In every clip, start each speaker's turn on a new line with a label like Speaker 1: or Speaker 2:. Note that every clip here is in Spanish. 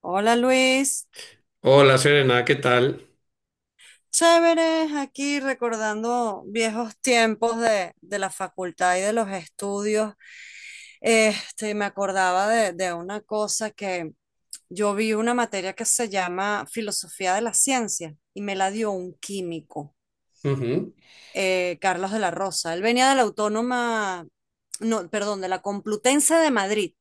Speaker 1: Hola Luis,
Speaker 2: Hola Serena, ¿qué tal?
Speaker 1: chévere, aquí recordando viejos tiempos de la facultad y de los estudios. Me acordaba de una cosa que yo vi una materia que se llama Filosofía de la Ciencia y me la dio un químico,
Speaker 2: Ujú.
Speaker 1: Carlos de la Rosa. Él venía de la Autónoma, no, perdón, de la Complutense de Madrid,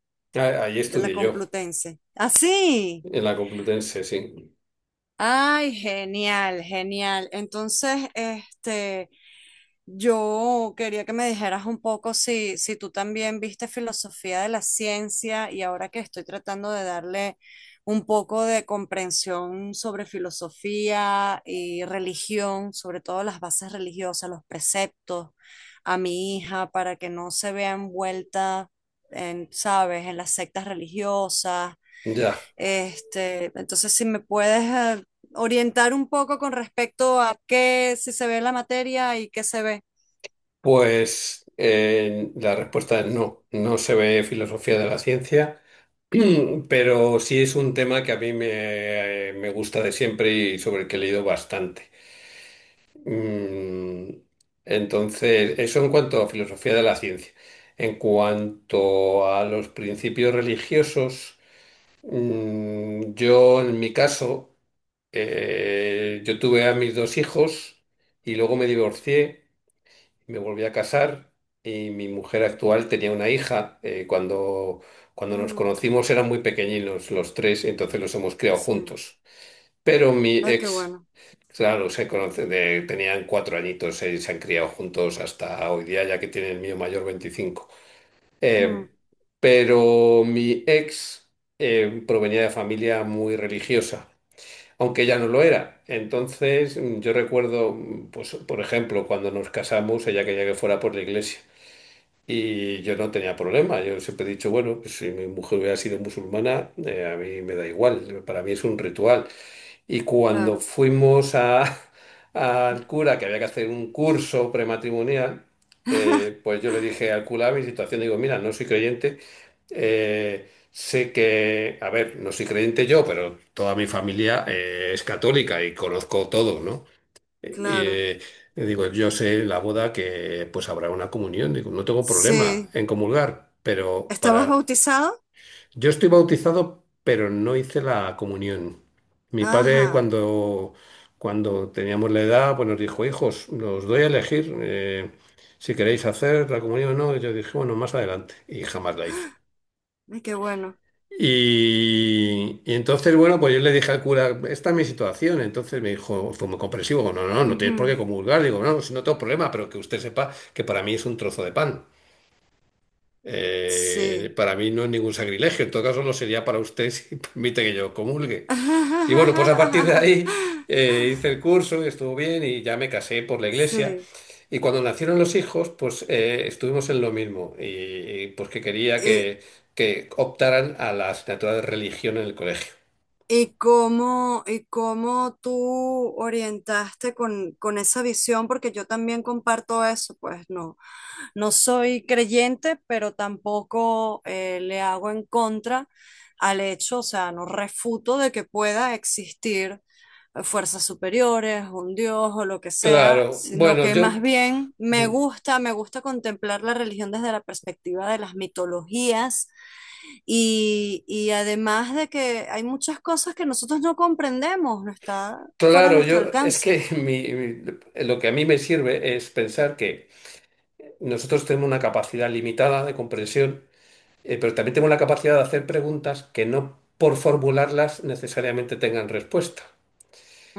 Speaker 2: Ahí
Speaker 1: de la
Speaker 2: estudié yo,
Speaker 1: Complutense. Así.
Speaker 2: en la Complutense, sí.
Speaker 1: Ay, genial, genial. Entonces, yo quería que me dijeras un poco si tú también viste filosofía de la ciencia, y ahora que estoy tratando de darle un poco de comprensión sobre filosofía y religión, sobre todo las bases religiosas, los preceptos a mi hija para que no se vea envuelta en, sabes, en las sectas religiosas.
Speaker 2: Ya.
Speaker 1: Entonces, si me puedes eh, orientar un poco con respecto a qué, si se ve en la materia y qué se ve.
Speaker 2: Pues la respuesta es no. No se ve filosofía de la ciencia, pero sí es un tema que a mí me gusta de siempre y sobre el que he leído bastante. Mm, Entonces, eso en cuanto a filosofía de la ciencia. En cuanto a los principios religiosos, yo en mi caso. Yo tuve a mis dos hijos y luego me divorcié, me volví a casar y mi mujer actual tenía una hija. Cuando nos
Speaker 1: Mm,
Speaker 2: conocimos eran muy pequeñinos los tres, entonces los hemos criado
Speaker 1: sí.
Speaker 2: juntos. Pero mi
Speaker 1: Ay, qué
Speaker 2: ex,
Speaker 1: bueno.
Speaker 2: claro, se conoce tenían 4 añitos, se han criado juntos hasta hoy día, ya que tiene el mío mayor 25.
Speaker 1: Mm,
Speaker 2: Eh, pero mi ex provenía de familia muy religiosa aunque ya no lo era. Entonces, yo recuerdo, pues, por ejemplo, cuando nos casamos, ella quería que fuera por la iglesia. Y yo no tenía problema. Yo siempre he dicho, bueno, pues, si mi mujer hubiera sido musulmana, a mí me da igual. Para mí es un ritual. Y cuando
Speaker 1: claro,
Speaker 2: fuimos al cura, que había que hacer un curso prematrimonial, pues yo le dije al cura mi situación, digo, mira, no soy creyente, sé que, a ver, no soy creyente yo, pero toda mi familia es católica y conozco todo, ¿no? Y
Speaker 1: claro.
Speaker 2: eh, le digo, yo sé en la boda que pues habrá una comunión, digo, no tengo problema
Speaker 1: Sí.
Speaker 2: en comulgar, pero
Speaker 1: ¿Estabas
Speaker 2: para
Speaker 1: bautizado?
Speaker 2: yo estoy bautizado, pero no hice la comunión. Mi padre,
Speaker 1: Ajá.
Speaker 2: cuando, teníamos la edad, pues nos dijo, hijos, los doy a elegir si queréis hacer la comunión o no. Y yo dije, bueno, más adelante. Y jamás la hice.
Speaker 1: Ay, qué bueno.
Speaker 2: Y entonces, bueno, pues yo le dije al cura, esta es mi situación. Entonces me dijo, fue muy comprensivo, no, no, no, no tienes por qué
Speaker 1: Ujú.
Speaker 2: comulgar. Digo, no, si no tengo problema, pero que usted sepa que para mí es un trozo de pan.
Speaker 1: Sí.
Speaker 2: Para mí no es ningún sacrilegio, en todo caso no sería para usted si permite que yo comulgue. Y bueno, pues a partir de ahí hice el curso y estuvo bien y ya me casé por la iglesia.
Speaker 1: Sí.
Speaker 2: Y cuando nacieron los hijos, pues estuvimos en lo mismo y, pues que quería
Speaker 1: ¿Y,
Speaker 2: que, optaran a la asignatura de religión en el colegio.
Speaker 1: y cómo tú orientaste con esa visión? Porque yo también comparto eso, pues no. No soy creyente, pero tampoco le hago en contra al hecho, o sea, no refuto de que pueda existir fuerzas superiores, un dios o lo que sea,
Speaker 2: Claro,
Speaker 1: sino
Speaker 2: bueno,
Speaker 1: que más
Speaker 2: yo,
Speaker 1: bien
Speaker 2: mm,
Speaker 1: me gusta contemplar la religión desde la perspectiva de las mitologías y además de que hay muchas cosas que nosotros no comprendemos, no está fuera de nuestro
Speaker 2: es
Speaker 1: alcance.
Speaker 2: que lo que a mí me sirve es pensar que nosotros tenemos una capacidad limitada de comprensión. Pero también tengo la capacidad de hacer preguntas que no por formularlas necesariamente tengan respuesta.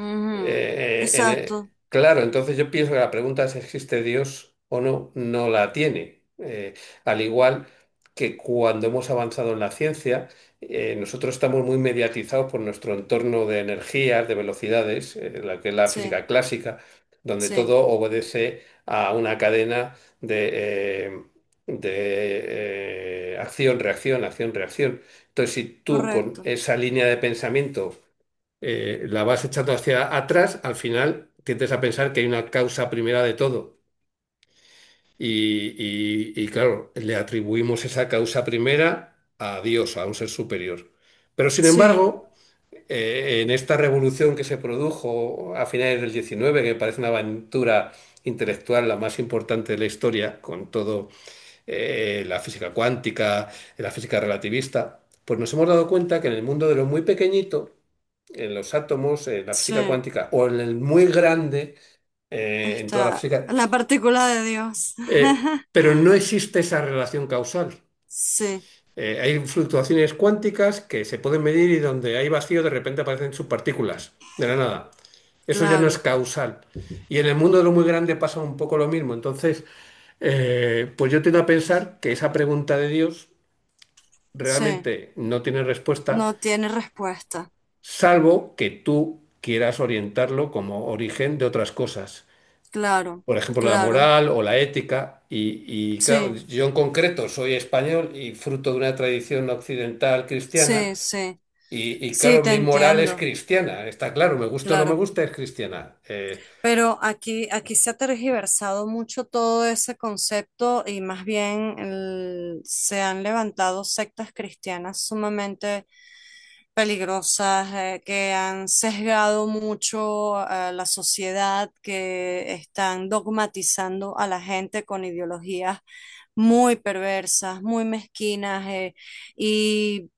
Speaker 1: Ujú.
Speaker 2: Eh, eh, en e-
Speaker 1: Exacto,
Speaker 2: claro, entonces yo pienso que la pregunta si existe Dios o no, no la tiene. Al igual que cuando hemos avanzado en la ciencia, nosotros estamos muy mediatizados por nuestro entorno de energías, de velocidades, la que es la
Speaker 1: sí,
Speaker 2: física clásica, donde
Speaker 1: sí,
Speaker 2: todo obedece a una cadena de acción, reacción, acción, reacción. Entonces, si tú con
Speaker 1: correcto,
Speaker 2: esa línea de pensamiento la vas echando hacia atrás, al final tiendes a pensar que hay una causa primera de todo. Y, claro, le atribuimos esa causa primera a Dios, a un ser superior. Pero sin
Speaker 1: sí.
Speaker 2: embargo, en esta revolución que se produjo a finales del 19, que parece una aventura intelectual la más importante de la historia, con todo la física cuántica, la física relativista, pues nos hemos dado cuenta que en el mundo de lo muy pequeñito, en los átomos, en la física
Speaker 1: Sí,
Speaker 2: cuántica o en el muy grande, en toda la
Speaker 1: está
Speaker 2: física,
Speaker 1: la partícula de Dios.
Speaker 2: pero no existe esa relación causal.
Speaker 1: Sí,
Speaker 2: Hay fluctuaciones cuánticas que se pueden medir y donde hay vacío de repente aparecen subpartículas de la nada. Eso ya no es
Speaker 1: claro,
Speaker 2: causal. Y en el mundo de lo muy grande pasa un poco lo mismo. Entonces, pues yo tiendo a pensar que esa pregunta de Dios
Speaker 1: sí,
Speaker 2: realmente no tiene respuesta
Speaker 1: no tiene respuesta.
Speaker 2: salvo que tú quieras orientarlo como origen de otras cosas.
Speaker 1: Claro,
Speaker 2: Por ejemplo, la
Speaker 1: claro,
Speaker 2: moral o la ética. Y, claro,
Speaker 1: sí,
Speaker 2: yo en concreto soy español y fruto de una tradición occidental cristiana.
Speaker 1: sí, sí,
Speaker 2: Y,
Speaker 1: sí,
Speaker 2: claro,
Speaker 1: te
Speaker 2: mi moral es
Speaker 1: entiendo,
Speaker 2: cristiana, está claro, me gusta o no me
Speaker 1: claro.
Speaker 2: gusta, es cristiana.
Speaker 1: Pero aquí, aquí se ha tergiversado mucho todo ese concepto, y más bien el- se han levantado sectas cristianas sumamente peligrosas, que han sesgado mucho a la sociedad, que están dogmatizando a la gente con ideologías muy perversas, muy mezquinas, y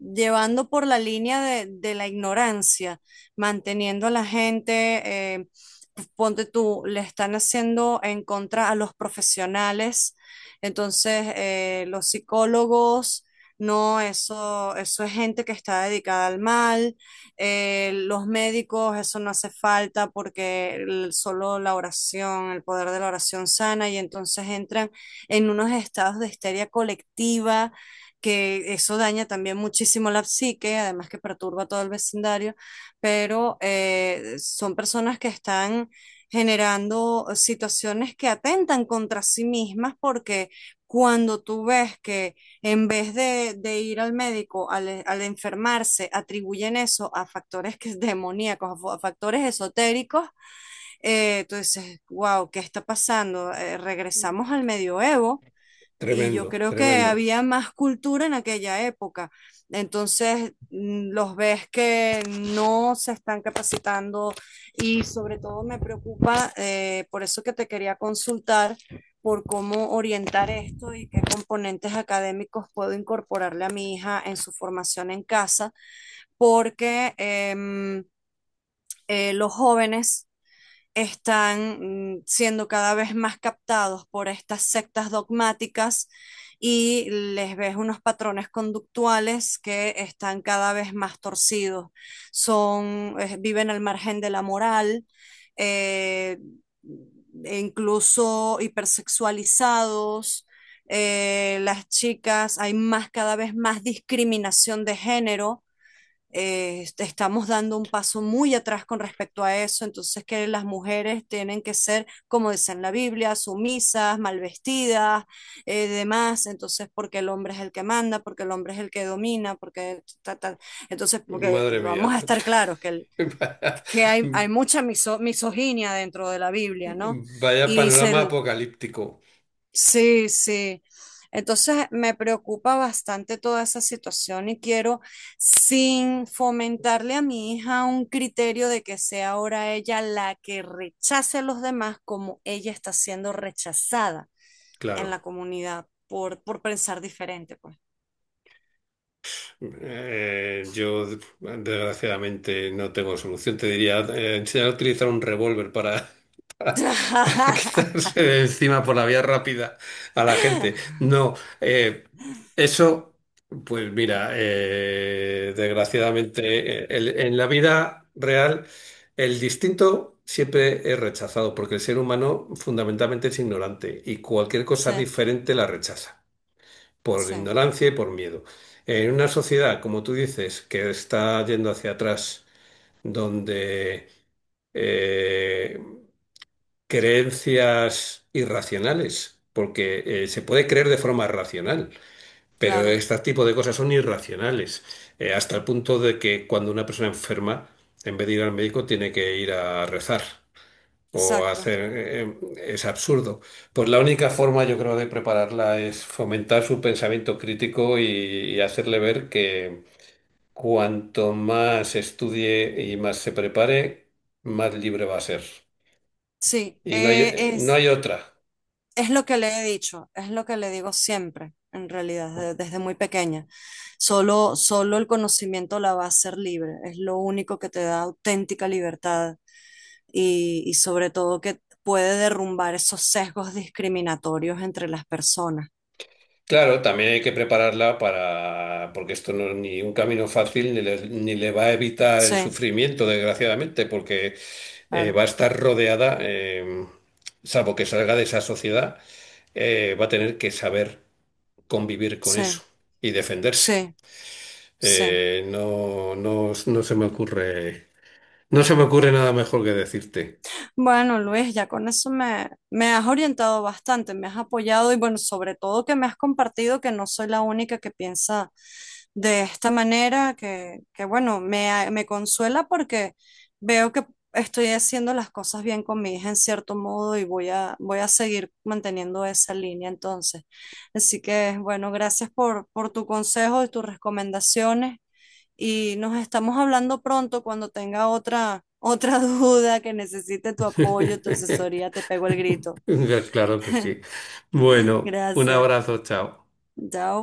Speaker 1: llevando por la línea de la ignorancia, manteniendo a la gente. Ponte tú, le están haciendo en contra a los profesionales, entonces los psicólogos, no, eso es gente que está dedicada al mal, los médicos, eso no hace falta porque el- solo la oración, el poder de la oración sana, y entonces entran en unos estados de histeria colectiva. Que eso daña también muchísimo la psique, además que perturba todo el vecindario, pero son personas que están generando situaciones que atentan contra sí mismas, porque cuando tú ves que en vez de ir al médico al, al enfermarse, atribuyen eso a factores que, demoníacos, a a factores esotéricos, tú dices, wow, ¿qué está pasando? Regresamos al medioevo y yo
Speaker 2: Tremendo,
Speaker 1: creo que
Speaker 2: tremendo.
Speaker 1: había más cultura en aquella época. Entonces, los ves que no se están capacitando, y sobre todo me preocupa, por eso que te quería consultar por cómo orientar esto y qué componentes académicos puedo incorporarle a mi hija en su formación en casa, porque em, los jóvenes están siendo cada vez más captados por estas sectas dogmáticas, y les ves unos patrones conductuales que están cada vez más torcidos. Son, viven al margen de la moral, eh, e incluso hipersexualizados. Las chicas, hay más, cada vez más discriminación de género, estamos dando un paso muy atrás con respecto a eso, entonces que las mujeres tienen que ser, como dice en la Biblia, sumisas, mal vestidas, demás, entonces porque el hombre es el que manda, porque el hombre es el que domina, porque ta, ta. Entonces, porque
Speaker 2: Madre mía.
Speaker 1: vamos a estar claros que, el-
Speaker 2: Vaya,
Speaker 1: que hay mucha misoginia dentro de la Biblia, ¿no?
Speaker 2: vaya
Speaker 1: Y
Speaker 2: panorama
Speaker 1: se,
Speaker 2: apocalíptico.
Speaker 1: sí, sí. Entonces me preocupa bastante toda esa situación y quiero, sin fomentarle a mi hija un criterio de que sea ahora ella la que rechace a los demás como ella está siendo rechazada en la
Speaker 2: Claro.
Speaker 1: comunidad por pensar diferente, pues.
Speaker 2: Yo desgraciadamente no tengo solución. Te diría, enseñar a utilizar un revólver para, para quitarse de encima por la vía rápida a la gente. No, eh, eso, pues mira, desgraciadamente en la vida real el distinto siempre es rechazado porque el ser humano fundamentalmente es ignorante y cualquier cosa
Speaker 1: Sí,
Speaker 2: diferente la rechaza por
Speaker 1: sí,
Speaker 2: ignorancia y por miedo. En una sociedad, como tú dices, que está yendo hacia atrás, donde eh, creencias irracionales, porque se puede creer de forma racional, pero
Speaker 1: claro,
Speaker 2: este tipo de cosas son irracionales, hasta el punto de que cuando una persona enferma, en vez de ir al médico, tiene que ir a rezar o
Speaker 1: exacto.
Speaker 2: hacer es absurdo. Pues la única forma, yo creo, de prepararla es fomentar su pensamiento crítico y hacerle ver que cuanto más estudie y más se prepare, más libre va a ser.
Speaker 1: Sí,
Speaker 2: Y no hay, no
Speaker 1: es.
Speaker 2: hay otra.
Speaker 1: Es lo que le he dicho, es lo que le digo siempre, en realidad, desde muy pequeña. Solo, solo el conocimiento la va a hacer libre, es lo único que te da auténtica libertad y sobre todo que puede derrumbar esos sesgos discriminatorios entre las personas.
Speaker 2: Claro, también hay que prepararla para, porque esto no es ni un camino fácil, ni le va a evitar el
Speaker 1: Sí,
Speaker 2: sufrimiento, desgraciadamente, porque
Speaker 1: claro,
Speaker 2: va a estar rodeada, salvo que salga de esa sociedad, va a tener que saber convivir con eso
Speaker 1: sí,
Speaker 2: y defenderse.
Speaker 1: sí, sí.
Speaker 2: No, no, no se me ocurre nada mejor que decirte.
Speaker 1: Bueno, Luis, ya con eso me, me has orientado bastante, me has apoyado, y bueno, sobre todo que me has compartido que no soy la única que piensa de esta manera, que bueno, me, a- me consuela porque veo que estoy haciendo las cosas bien con mi hija en cierto modo, y voy a, voy a seguir manteniendo esa línea entonces. Así que bueno, gracias por tu consejo y tus recomendaciones, y nos estamos hablando pronto cuando tenga otra, otra duda que necesite tu apoyo, tu asesoría, te pego el grito.
Speaker 2: Claro que sí. Bueno, un
Speaker 1: Gracias.
Speaker 2: abrazo, chao.
Speaker 1: Chao.